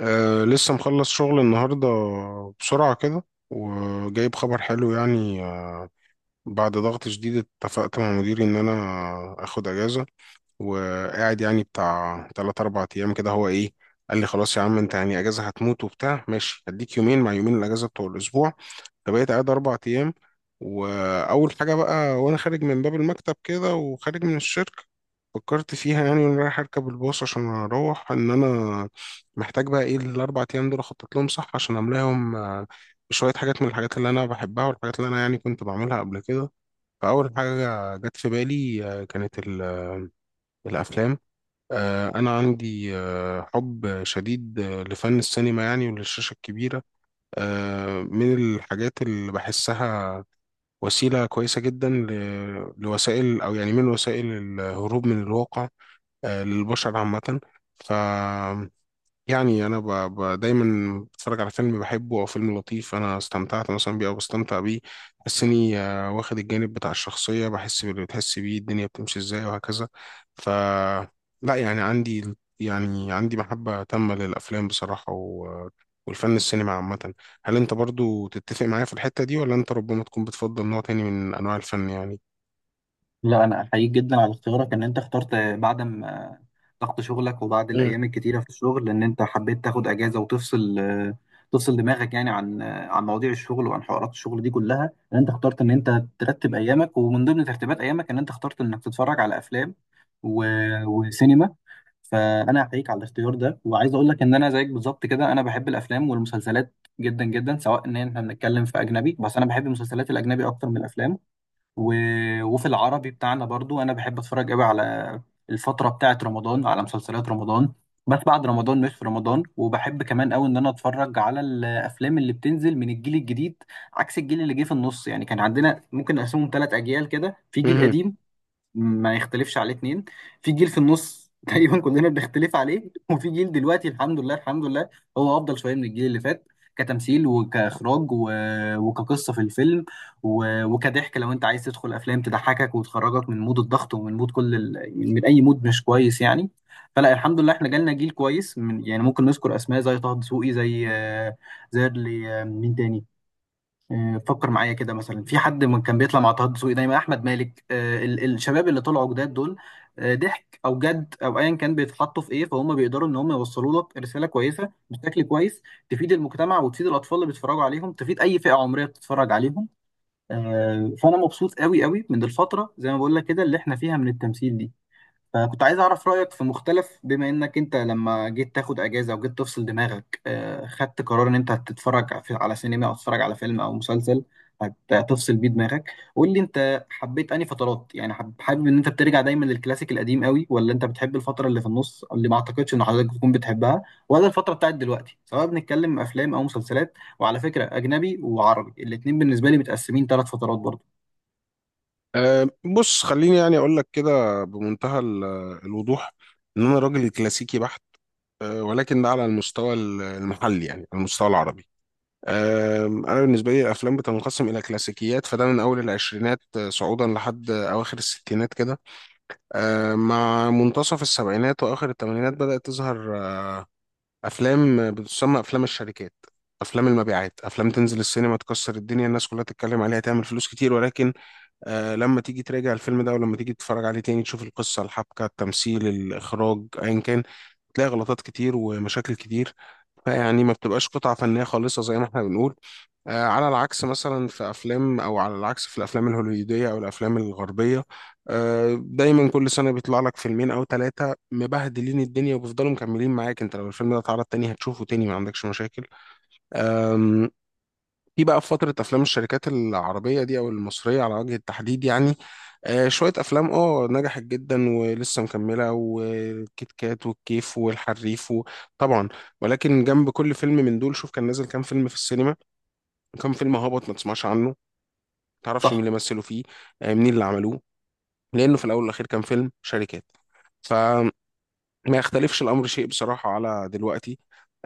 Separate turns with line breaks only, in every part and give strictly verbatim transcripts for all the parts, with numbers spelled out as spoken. أه، لسه مخلص شغل النهاردة بسرعة كده، وجايب خبر حلو يعني. آه، بعد ضغط شديد اتفقت مع مديري إن أنا أخد أجازة، وقاعد يعني بتاع تلات أربع أيام كده. هو إيه، قال لي خلاص يا عم أنت يعني أجازة هتموت وبتاع، ماشي هديك يومين مع يومين الأجازة بتوع الأسبوع. فبقيت قاعد أربع أيام. وأول حاجة بقى، وأنا خارج من باب المكتب كده وخارج من الشركة، فكرت فيها يعني وأنا رايح أركب الباص عشان أروح، إن أنا محتاج بقى إيه الأربع أيام دول أخطط لهم صح عشان أملاهم. آه، بشوية حاجات من الحاجات اللي أنا بحبها، والحاجات اللي أنا يعني كنت بعملها قبل كده. فأول حاجة جت في بالي آه، كانت ال- آه، الأفلام. آه، أنا عندي آه، حب شديد آه، لفن السينما يعني، وللشاشة الكبيرة. آه، من الحاجات اللي بحسها وسيلة كويسة جدا ل- لوسائل، أو يعني من وسائل الهروب من الواقع آه، للبشر عامة. ف يعني انا ب... ب... دايما بتفرج على فيلم بحبه او فيلم لطيف انا استمتعت مثلا بيه او بستمتع بيه. بحس اني آه، واخد الجانب بتاع الشخصيه، بحس باللي بتحس بيه، الدنيا بتمشي ازاي وهكذا. ف لا يعني عندي يعني عندي محبه تامه للافلام بصراحه، و... والفن السينما عامه. هل انت برضو تتفق معايا في الحته دي، ولا انت ربما تكون بتفضل نوع تاني من انواع الفن يعني؟
لا، انا احييك جدا على اختيارك ان انت اخترت بعد ما ضغط شغلك وبعد
مم.
الايام الكتيره في الشغل ان انت حبيت تاخد اجازه وتفصل تفصل دماغك، يعني عن عن مواضيع الشغل وعن حوارات الشغل دي كلها، ان انت اخترت ان انت ترتب ايامك، ومن ضمن ترتيبات ايامك ان انت اخترت انك تتفرج على افلام و... وسينما. فانا احييك على الاختيار ده، وعايز اقول لك ان انا زيك بالظبط كده، انا بحب الافلام والمسلسلات جدا جدا. سواء ان احنا بنتكلم في اجنبي، بس انا بحب المسلسلات الاجنبي اكتر من الافلام، و... وفي العربي بتاعنا برضو انا بحب اتفرج قوي على الفتره بتاعه رمضان، على مسلسلات رمضان بس بعد رمضان مش في رمضان. وبحب كمان قوي ان انا اتفرج على الافلام اللي بتنزل من الجيل الجديد عكس الجيل اللي جه في النص. يعني كان عندنا، ممكن نقسمهم ثلاث اجيال كده: في جيل
مهم.
قديم ما يختلفش عليه اتنين، في جيل في النص تقريبا كلنا بنختلف عليه، وفي جيل دلوقتي الحمد لله الحمد لله هو افضل شويه من الجيل اللي فات. كتمثيل وكاخراج و... وكقصه في الفيلم و... وكضحك. لو انت عايز تدخل افلام تضحكك وتخرجك من مود الضغط ومن مود كل ال... من اي مود مش كويس يعني. فلا، الحمد لله احنا جالنا جيل كويس من... يعني ممكن نذكر اسماء زي طه دسوقي، زي آه، زي اللي، مين تاني؟ آه، فكر معايا كده مثلا في حد من كان بيطلع مع طه دسوقي دايما، احمد مالك، آه، ال- الشباب اللي طلعوا جداد دول. آه، ضحك او جد او ايا كان بيتحطوا في ايه، فهم بيقدروا ان هم يوصلوا لك رساله كويسه بشكل كويس تفيد المجتمع وتفيد الاطفال اللي بيتفرجوا عليهم، تفيد اي فئه عمريه بتتفرج عليهم. آه، فانا مبسوط قوي قوي من الفتره، زي ما بقول لك كده، اللي احنا فيها من التمثيل دي. فكنت عايز أعرف رأيك في مختلف، بما إنك أنت لما جيت تاخد أجازة وجيت تفصل دماغك، آه، خدت قرار إن أنت هتتفرج في- على سينما أو تتفرج على فيلم أو مسلسل هت- هتفصل بيه دماغك. قول لي أنت حبيت أنهي فترات، يعني حب- حابب إن أنت بترجع دايما للكلاسيك القديم قوي، ولا أنت بتحب الفترة اللي في النص اللي ما أعتقدش إن حضرتك بتكون بتحبها، ولا الفترة بتاعت دلوقتي، سواء بنتكلم أفلام أو مسلسلات. وعلى فكرة أجنبي وعربي الاتنين بالنسبة لي متقسمين ثلاث فترات برضه.
أه، بص خليني يعني اقول لك كده بمنتهى ال- الوضوح، ان انا راجل كلاسيكي بحت. آه، ولكن ده على المستوى ال- المحلي، يعني على المستوى العربي. آم، انا بالنسبه لي الافلام بتنقسم الى كلاسيكيات، فده من اول العشرينات آه، صعودا لحد اواخر الستينات كده. آه، مع منتصف السبعينات واخر الثمانينات بدات تظهر آه، افلام آه، بتسمى افلام الشركات، افلام المبيعات، افلام تنزل السينما تكسر الدنيا، الناس كلها تتكلم عليها، تعمل فلوس كتير. ولكن آه، لما تيجي تراجع الفيلم ده، ولما تيجي تتفرج عليه تاني، تشوف القصه، الحبكه، التمثيل، الاخراج، ايا كان، تلاقي غلطات كتير ومشاكل كتير. يعني ما بتبقاش قطعة فنية خالصة زي ما احنا بنقول. آه على العكس مثلا في أفلام أو على العكس في الأفلام الهوليودية أو الأفلام الغربية، آه دايما كل سنة بيطلع لك فيلمين أو ثلاثة مبهدلين الدنيا، وبيفضلوا مكملين معاك. أنت لو الفيلم ده اتعرض تاني هتشوفه تاني، ما عندكش مشاكل. في بقى في فترة أفلام الشركات العربية دي، أو المصرية على وجه التحديد يعني، آه شوية أفلام أه نجحت جدا ولسه مكملة، والكيت كات، والكيف، والحريف، و- طبعا. ولكن جنب كل فيلم من دول، شوف كان نازل كام فيلم في السينما، كام فيلم هابط ما تسمعش عنه، ما تعرفش مين
صح؟
اللي مثلوا فيه، آه منين اللي عملوه، لأنه في الأول والأخير كان فيلم شركات. ف ما يختلفش الأمر شيء بصراحة على دلوقتي.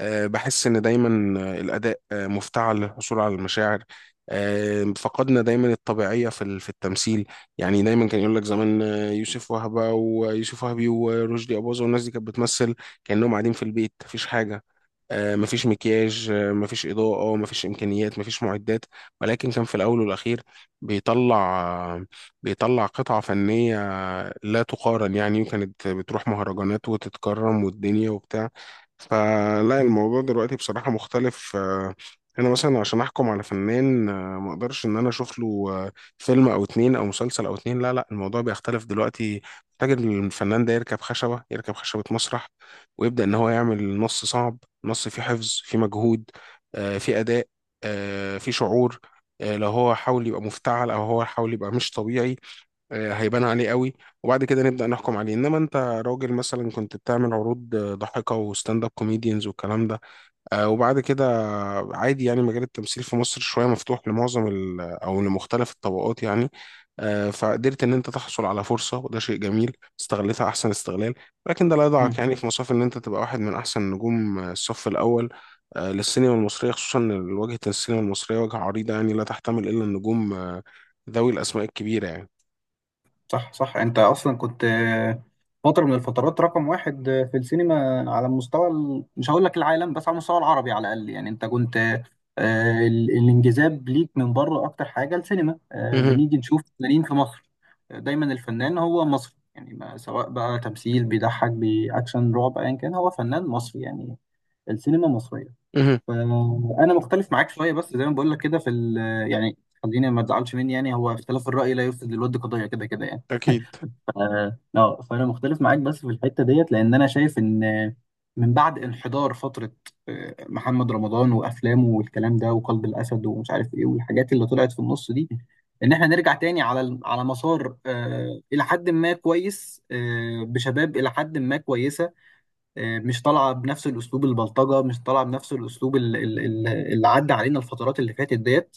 آه، بحس إن دايما آه، الأداء آه، مفتعل للحصول على المشاعر. آه، فقدنا دايما الطبيعية في ال- في التمثيل. يعني دايما كان يقول لك زمان، آه، يوسف وهبة ويوسف وهبي ورشدي أباظة والناس دي كانت بتمثل كأنهم قاعدين في البيت، مفيش حاجة. آه، مفيش مكياج، آه، مفيش إضاءة، مفيش إمكانيات، مفيش معدات. ولكن كان في الأول والأخير بيطلع بيطلع قطعة فنية لا تقارن يعني. وكانت بتروح مهرجانات وتتكرم والدنيا وبتاع. فلا، الموضوع دلوقتي بصراحة مختلف. آه، أنا مثلا عشان أحكم على فنان، آه، ما أقدرش إن أنا أشوف له آه، فيلم أو اتنين أو مسلسل أو اتنين. لا لا، الموضوع بيختلف دلوقتي. محتاج إن الفنان ده يركب خشبة يركب خشبة مسرح، ويبدأ إن هو يعمل نص صعب، نص فيه حفظ، فيه مجهود، آه، فيه أداء، آه، فيه شعور. آه، لو هو حاول يبقى مفتعل، أو هو حاول يبقى مش طبيعي، آه، هيبان عليه قوي. وبعد كده نبدأ نحكم عليه. إنما أنت راجل مثلا كنت بتعمل عروض، آه، ضحكة وستاند اب كوميديانز والكلام ده، آه، وبعد كده عادي، يعني مجال التمثيل في مصر شوية مفتوح لمعظم ال أو لمختلف الطبقات يعني، آه، فقدرت إن أنت تحصل على فرصة، وده شيء جميل، استغلتها أحسن استغلال. لكن ده لا
مم.
يضعك يعني في مصاف إن أنت تبقى واحد من أحسن نجوم آه، الصف الأول آه، للسينما المصرية، خصوصا إن واجهة السينما المصرية واجهة عريضة، يعني لا تحتمل إلا النجوم آه، ذوي الأسماء الكبيرة يعني.
صح صح، انت اصلا كنت فتره من الفترات رقم واحد في السينما على مستوى ال... مش هقول لك العالم بس على المستوى العربي على الاقل، يعني انت كنت آه، ال- الانجذاب ليك من بره اكتر حاجه السينما. آه،
مهم.
بنيجي نشوف فنانين في مصر، آه، دايما الفنان هو مصري يعني، ما سواء بقى تمثيل بيضحك باكشن رعب ايا كان، هو فنان مصري يعني، السينما مصريه.
مهم.
فانا مختلف معاك شويه، بس زي ما بقول لك كده في ال... يعني خليني، ما تزعلش مني، يعني هو اختلاف الرأي لا يفسد للود قضية، كده كده يعني.
أكيد.
اه آه، فانا مختلف معاك بس في الحته ديت، لان انا شايف ان من بعد انحدار فتره آه، محمد رمضان وافلامه والكلام ده، وقلب الاسد ومش عارف ايه، والحاجات اللي طلعت في النص دي، ان احنا نرجع تاني على ال- على مسار آه، الى حد ما كويس، آه، بشباب الى حد ما كويسه، آه، مش طالعه بنفس الاسلوب البلطجه، مش طالعه بنفس الاسلوب ال- ال- ال- اللي عدى علينا الفترات اللي فاتت ديت.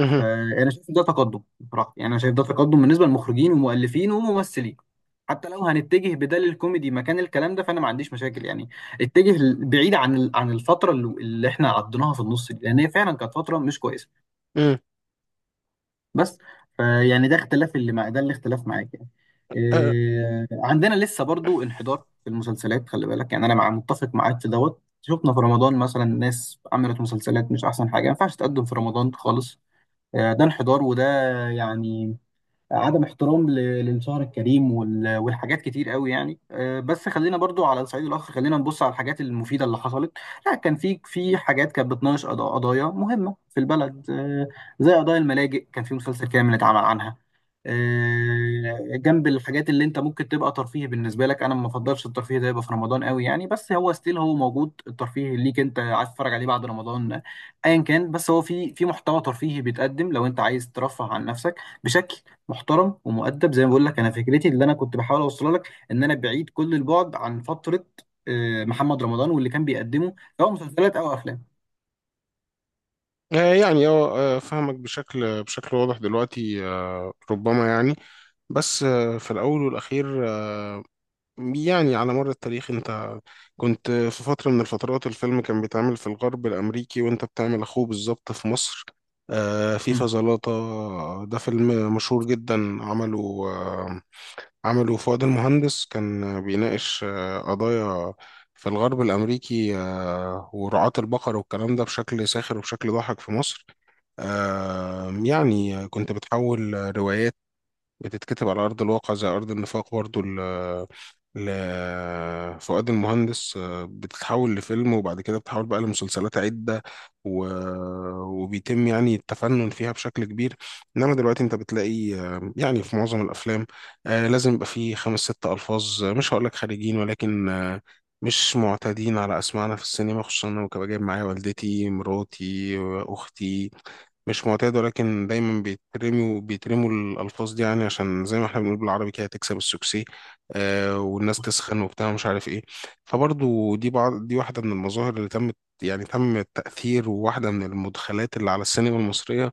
مهم.
فانا شايف إن ده تقدم بصراحه، يعني انا شايف ده تقدم بالنسبه للمخرجين ومؤلفين وممثلين. حتى لو هنتجه بدل الكوميدي مكان الكلام ده، فانا ما عنديش مشاكل يعني. اتجه ل- بعيد عن ال- عن الفتره اللي اللي احنا عديناها في النص دي، لان هي فعلا كانت فتره مش كويسه.
مهم.
بس فيعني ده اختلاف اللي مع ده الاختلاف معاك، يعني إيه عندنا لسه برضو انحدار في المسلسلات. خلي بالك، يعني انا مع متفق معاك في دوت، شفنا في رمضان مثلا ناس عملت مسلسلات مش احسن حاجه، ما ينفعش تقدم في رمضان خالص. آه، ده انحدار، وده يعني عدم احترام ل- للشهر الكريم وال- والحاجات كتير قوي يعني. آه، بس خلينا برضو على صعيد الاخر، خلينا نبص على الحاجات المفيده اللي حصلت. لا، كان في في حاجات كانت بتناقش قضا- قضايا مهمه في البلد، آه، زي قضايا الملاجئ، كان في مسلسل كامل اتعمل عنها، آه، جنب الحاجات اللي انت ممكن تبقى ترفيه بالنسبه لك. انا ما بفضلش الترفيه ده يبقى في رمضان قوي يعني، بس هو ستيل هو موجود، الترفيه ليك انت عايز تتفرج عليه بعد رمضان ايا كان. بس هو في في محتوى ترفيهي بيتقدم لو انت عايز ترفه عن نفسك بشكل محترم ومؤدب. زي ما بقول لك، انا فكرتي اللي انا كنت بحاول اوصلها لك ان انا بعيد كل البعد عن فتره آه، محمد رمضان واللي كان بيقدمه سواء مسلسلات او افلام.
آه، يعني اه آه، فاهمك بشكل بشكل واضح دلوقتي. آه، ربما يعني، بس آه، في الأول والأخير آه، يعني على مر التاريخ، أنت كنت في فترة من الفترات الفيلم كان بيتعمل في الغرب الأمريكي، وأنت بتعمل أخوه بالظبط في مصر. آه، فيفا
مم.
زلاطة، ده فيلم مشهور جدا، عمله آه، عمله فؤاد المهندس. كان بيناقش آه، قضايا في الغرب الأمريكي آه، ورعاة البقر والكلام ده، بشكل ساخر وبشكل ضاحك في مصر. آم، يعني كنت بتحول روايات بتتكتب على أرض الواقع، زي أرض النفاق برضو ل لفؤاد المهندس، آه، بتتحول لفيلم، وبعد كده بتتحول بقى لمسلسلات عدة، و... وبيتم يعني التفنن فيها بشكل كبير. إنما دلوقتي أنت بتلاقي آه، يعني في معظم الأفلام آه، لازم يبقى فيه خمس ست ألفاظ، آه، مش هقولك خارجين، ولكن آه، مش معتادين على أسماعنا في السينما. خصوصا أنا، وكنت جايب معايا والدتي، مراتي، أختي، مش معتاد. ولكن دايما بيترموا بيترموا الألفاظ دي يعني، عشان زي ما احنا بنقول بالعربي كده تكسب السوكسي آه والناس تسخن وبتاع مش عارف ايه. فبرضو دي بعض، دي واحدة من المظاهر اللي تمت، يعني تم التأثير، وواحدة من المدخلات اللي على السينما المصرية،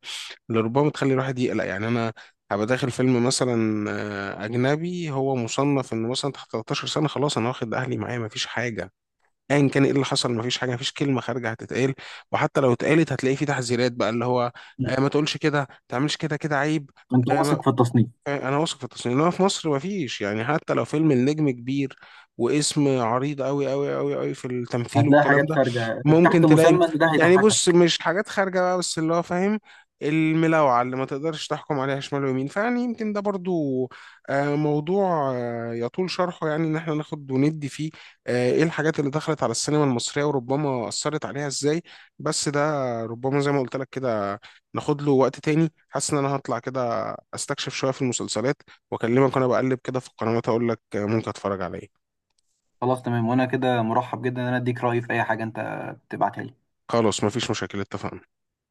اللي ربما تخلي الواحد يقلق. يعني أنا هبقى داخل فيلم مثلا آه، أجنبي، هو مصنف إنه مثلا تحت تلتاشر سنة، خلاص أنا واخد أهلي معايا مفيش حاجة، ايا كان ايه اللي حصل مفيش حاجه، مفيش كلمه خارجه هتتقال، وحتى لو اتقالت هتلاقي في تحذيرات بقى، اللي هو
مم.
آه ما تقولش كده، ما تعملش كده، كده عيب.
انت
آه.
واثق في التصنيف؟
آه، انا واثق في التصميم، انما في مصر ما فيش. يعني حتى لو فيلم النجم كبير واسم عريض قوي قوي قوي قوي في التمثيل
هتلاقي
والكلام
حاجات
ده،
خارجه
ممكن
تحت
تلاقي،
مسمى ان ده
يعني بص،
هيضحكك.
مش حاجات خارجه بقى، بس اللي هو فاهم الملاوعه اللي ما تقدرش تحكم عليها شمال ويمين. فيعني يمكن ده برضو آه، موضوع آه، يطول شرحه، يعني ان احنا ناخد وندي فيه آه، ايه الحاجات اللي دخلت على السينما المصريه وربما اثرت عليها ازاي. بس ده ربما زي ما قلت لك كده، ناخد له وقت تاني. حاسس ان انا هطلع كده استكشف شويه في المسلسلات، واكلمك وانا بقلب كده في القنوات اقول لك ممكن اتفرج على ايه.
خلاص، تمام، وانا كده مرحب جدا ان انا اديك رايي في اي حاجه انت تبعتها لي.
خلاص مفيش مشاكل، اتفقنا.